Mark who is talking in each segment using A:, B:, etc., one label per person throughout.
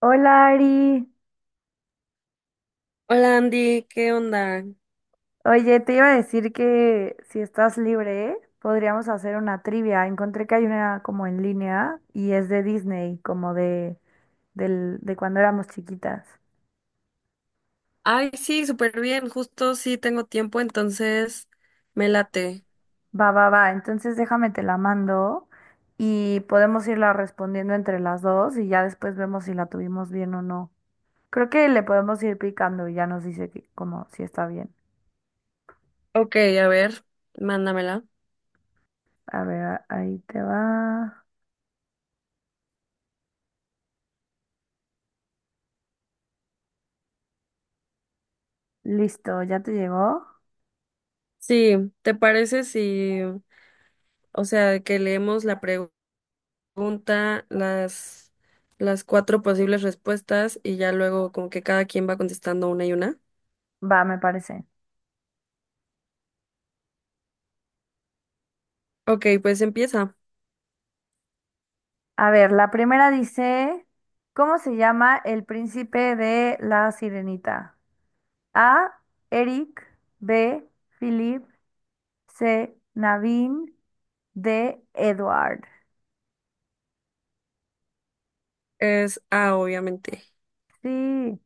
A: Hola Ari,
B: Hola Andy, ¿qué onda?
A: oye, te iba a decir que si estás libre, podríamos hacer una trivia. Encontré que hay una como en línea y es de Disney, como de cuando éramos chiquitas.
B: Ay, sí, súper bien, justo sí tengo tiempo, entonces me late.
A: Va, va, va, entonces déjame te la mando y podemos irla respondiendo entre las dos y ya después vemos si la tuvimos bien o no. Creo que le podemos ir picando y ya nos dice que, como si está bien.
B: Ok, a ver, mándamela.
A: A ver, ahí te va. Listo, ¿ya te llegó?
B: Sí, ¿te parece si, o sea, que leemos la pregunta, las, las cuatro posibles respuestas y ya luego como que cada quien va contestando una y una?
A: Va, me parece.
B: Ok, pues empieza.
A: A ver, la primera dice, ¿cómo se llama el príncipe de la sirenita? A, Eric, B, Philip, C, Naveen, D, Edward.
B: Es A, obviamente.
A: Sí,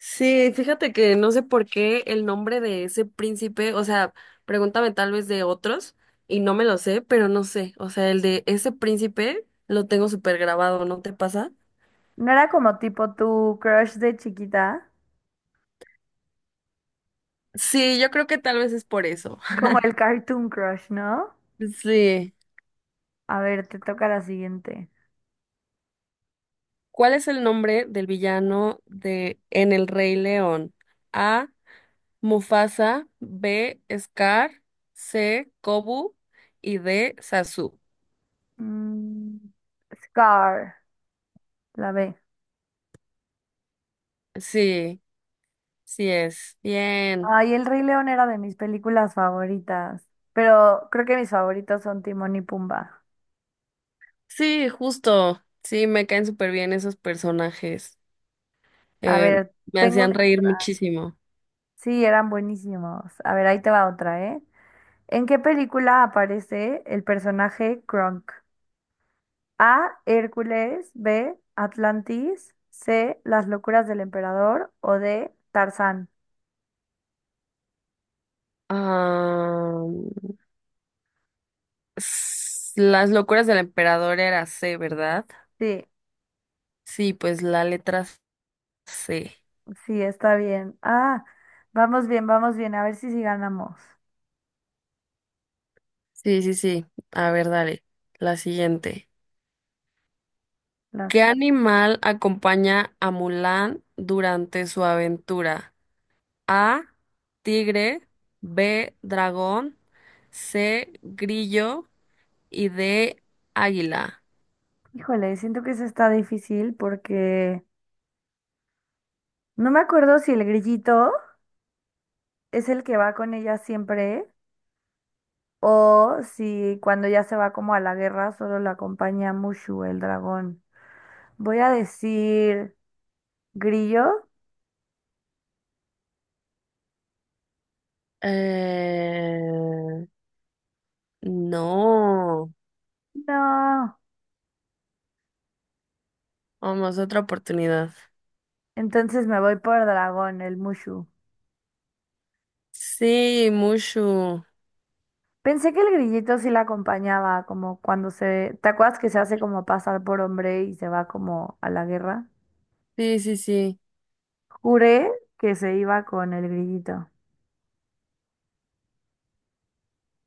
B: Sí, fíjate que no sé por qué el nombre de ese príncipe, o sea, pregúntame tal vez de otros y no me lo sé, pero no sé, o sea, el de ese príncipe lo tengo súper grabado, ¿no te pasa?
A: no era como tipo tu crush de chiquita,
B: Sí, yo creo que tal vez es por eso.
A: como el cartoon crush, ¿no?
B: Sí.
A: A ver, te toca la siguiente.
B: ¿Cuál es el nombre del villano de En el Rey León? A. Mufasa, B. Scar, C. Kobu y D. Sasu.
A: Mm, Scar, la B.
B: Sí, sí es. Bien.
A: Ay, El Rey León era de mis películas favoritas, pero creo que mis favoritos son Timón y Pumba.
B: Sí, justo. Sí, me caen súper bien esos personajes.
A: A
B: Eh,
A: ver,
B: Me
A: tengo
B: hacían reír
A: otra.
B: muchísimo.
A: Sí, eran buenísimos. A ver, ahí te va otra, ¿eh? ¿En qué película aparece el personaje Kronk? A, Hércules. B, Atlantis. C, Las locuras del emperador. O D, Tarzán.
B: Ah, las locuras del emperador era C, ¿verdad?
A: Sí,
B: Sí, pues la letra C.
A: sí, está bien. Ah, vamos bien, vamos bien. A ver si sí ganamos.
B: Sí, sí, sí. A ver, dale. La siguiente. ¿Qué
A: Las...
B: animal acompaña a Mulan durante su aventura? A, tigre, B, dragón, C, grillo y D, águila.
A: Híjole, siento que eso está difícil porque no me acuerdo si el grillito es el que va con ella siempre. O si cuando ya se va como a la guerra solo la acompaña Mushu, el dragón. Voy a decir grillo.
B: Eh, no,
A: No.
B: vamos, otra oportunidad.
A: Entonces me voy por dragón, el Mushu.
B: Sí, Mushu.
A: Pensé que el grillito sí la acompañaba, como cuando se... ¿Te acuerdas que se hace como pasar por hombre y se va como a la guerra?
B: Sí, sí, sí.
A: Juré que se iba con el grillito.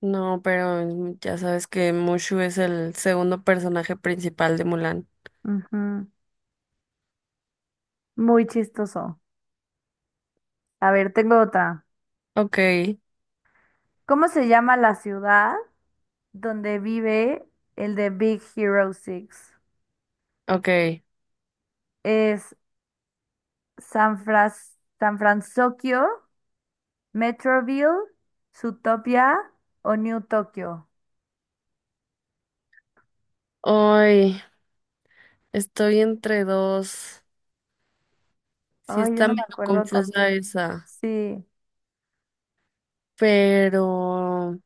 B: No, pero ya sabes que Mushu es el segundo personaje principal de Mulan.
A: Ujú. Muy chistoso. A ver, tengo otra.
B: Ok,
A: ¿Cómo se llama la ciudad donde vive el de Big Hero 6?
B: ok.
A: Es San Francisco, Metroville, Zootopia o New Tokyo.
B: Hoy estoy entre dos. Sí
A: Ay, yo
B: está
A: no me
B: medio
A: acuerdo tan
B: confusa
A: bien.
B: esa,
A: Sí.
B: pero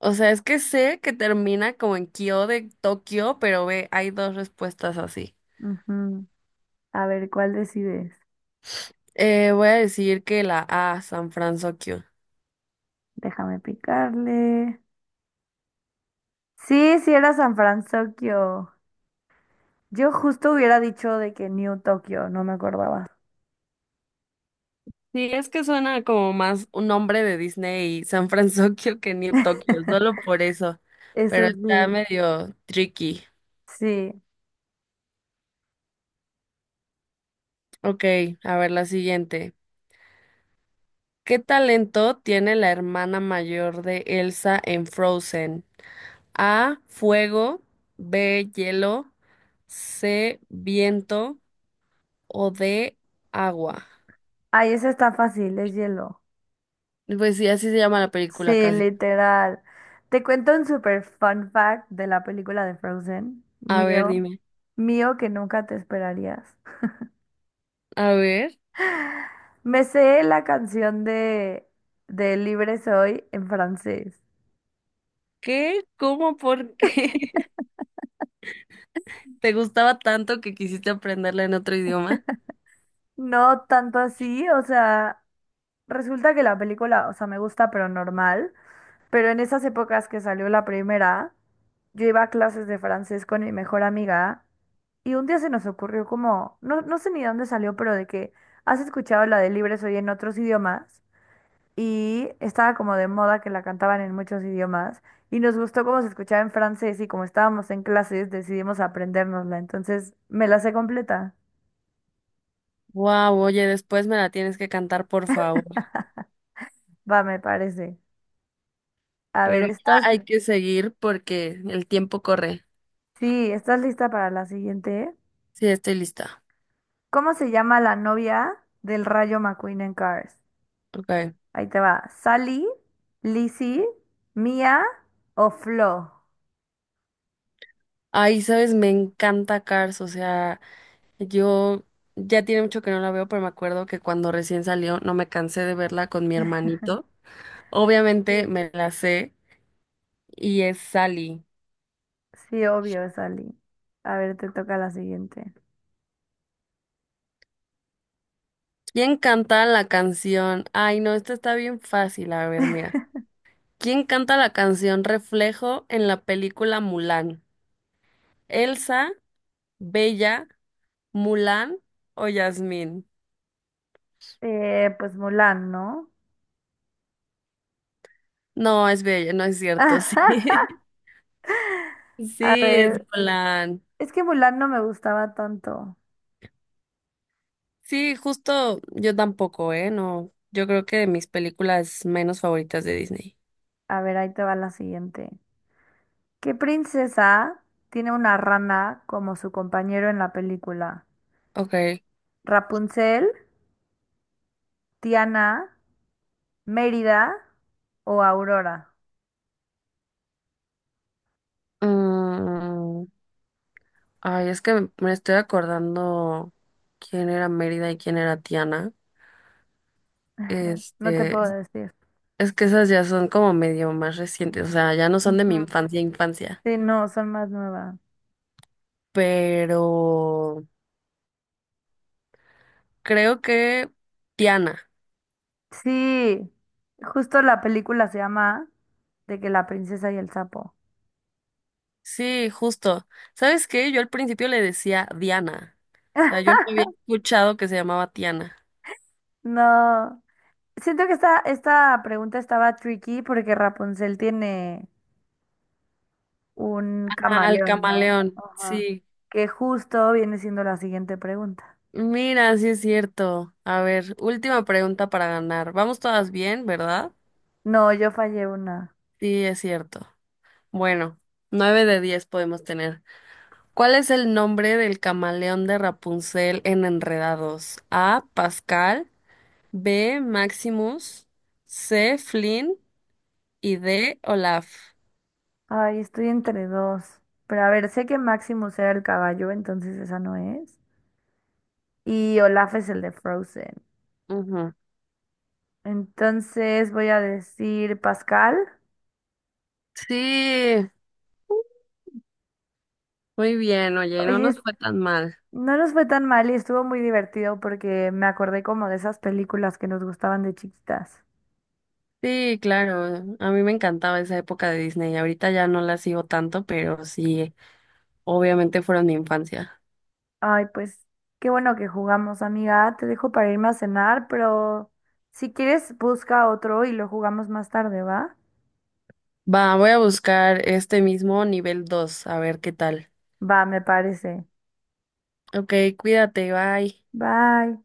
B: O sea, es que sé que termina como en Kyo de Tokio, pero ve, hay dos respuestas así.
A: Ujú. A ver, ¿cuál decides?
B: Voy a decir que la A, San Francisco.
A: Déjame picarle. Sí, sí era San Francisco. Yo justo hubiera dicho de que New Tokyo, no me acordaba.
B: Sí, es que suena como más un nombre de Disney, y San Francisco que New Tokio, solo por eso. Pero
A: Eso
B: está
A: sí.
B: medio tricky.
A: Sí.
B: Ok, a ver la siguiente. ¿Qué talento tiene la hermana mayor de Elsa en Frozen? A, fuego, B, hielo, C, viento o D, agua.
A: Ay, ese está fácil, es hielo.
B: Pues sí, así se llama la película
A: Sí,
B: casi.
A: literal. Te cuento un super fun fact de la película de Frozen,
B: A ver,
A: mío,
B: dime.
A: mío que nunca te esperarías.
B: A ver.
A: Me sé la canción de Libre Soy en francés.
B: ¿Qué? ¿Cómo? ¿Por qué? ¿Te gustaba tanto que quisiste aprenderla en otro idioma?
A: No tanto así, o sea, resulta que la película, o sea, me gusta, pero normal. Pero en esas épocas que salió la primera, yo iba a clases de francés con mi mejor amiga y un día se nos ocurrió como, no, no sé ni dónde salió, pero de que has escuchado la de Libre Soy en otros idiomas y estaba como de moda que la cantaban en muchos idiomas y nos gustó cómo se escuchaba en francés y como estábamos en clases decidimos aprendérnosla. Entonces me la sé completa.
B: Wow, oye, después me la tienes que cantar, por favor.
A: Va, me parece. A ver,
B: Pero ya
A: ¿estás,
B: hay que seguir porque el tiempo corre.
A: sí, estás lista para la siguiente?
B: Sí, estoy lista.
A: ¿Cómo se llama la novia del Rayo McQueen en Cars?
B: Ok.
A: Ahí te va. ¿Sally, Lizzie, Mia o Flo?
B: Ay, sabes, me encanta Cars, o sea, yo ya tiene mucho que no la veo, pero me acuerdo que cuando recién salió no me cansé de verla con mi hermanito. Obviamente
A: Sí.
B: me la sé y es Sally.
A: Sí, obvio, Sally. A ver, te toca la siguiente.
B: ¿Quién canta la canción? Ay, no, esta está bien fácil. A ver, mira. ¿Quién canta la canción Reflejo en la película Mulan? ¿Elsa, Bella, Mulan o Yasmín?
A: Pues Mulan, ¿no?
B: No, es Bella, no es cierto, sí.
A: A
B: Sí, es
A: ver,
B: Mulan.
A: es que Mulan no me gustaba tanto.
B: Sí, justo yo tampoco, ¿eh? No, yo creo que de mis películas menos favoritas de Disney.
A: A ver, ahí te va la siguiente. ¿Qué princesa tiene una rana como su compañero en la película?
B: Ok.
A: ¿Rapunzel, Tiana, Mérida o Aurora?
B: mm, Ay, es que me estoy acordando quién era Mérida y quién era Tiana.
A: No te
B: Este,
A: puedo decir.
B: Es que esas ya son como medio más recientes, o sea, ya no son de mi
A: Ujú.
B: infancia, infancia.
A: Sí, no, son más nuevas.
B: Pero creo que Diana.
A: Sí, justo la película se llama de que la princesa y el sapo.
B: Sí, justo. ¿Sabes qué? Yo al principio le decía Diana. O sea, yo no había escuchado que se llamaba Tiana.
A: No, siento que esta pregunta estaba tricky porque Rapunzel tiene un
B: Ah, al
A: camaleón, ¿no?
B: camaleón,
A: Ajá.
B: sí.
A: Que justo viene siendo la siguiente pregunta.
B: Mira, sí es cierto. A ver, última pregunta para ganar. Vamos todas bien, ¿verdad?
A: No, yo fallé una.
B: Sí, es cierto. Bueno, 9 de 10 podemos tener. ¿Cuál es el nombre del camaleón de Rapunzel en Enredados? A. Pascal, B. Maximus, C. Flynn y D. Olaf.
A: Ay, estoy entre dos. Pero a ver, sé que Maximus era el caballo, entonces esa no es. Y Olaf es el de Frozen.
B: Ujú.
A: Entonces voy a decir Pascal.
B: Sí, muy bien, oye, no
A: Oye,
B: nos fue tan mal.
A: no nos fue tan mal y estuvo muy divertido porque me acordé como de esas películas que nos gustaban de chiquitas.
B: Sí, claro, a mí me encantaba esa época de Disney. Ahorita ya no la sigo tanto, pero sí, obviamente fueron mi infancia.
A: Ay, pues qué bueno que jugamos, amiga. Te dejo para irme a cenar, pero si quieres busca otro y lo jugamos más tarde, ¿va?
B: Va, voy a buscar este mismo nivel 2, a ver qué tal.
A: Va, me parece.
B: Ok, cuídate, bye.
A: Bye.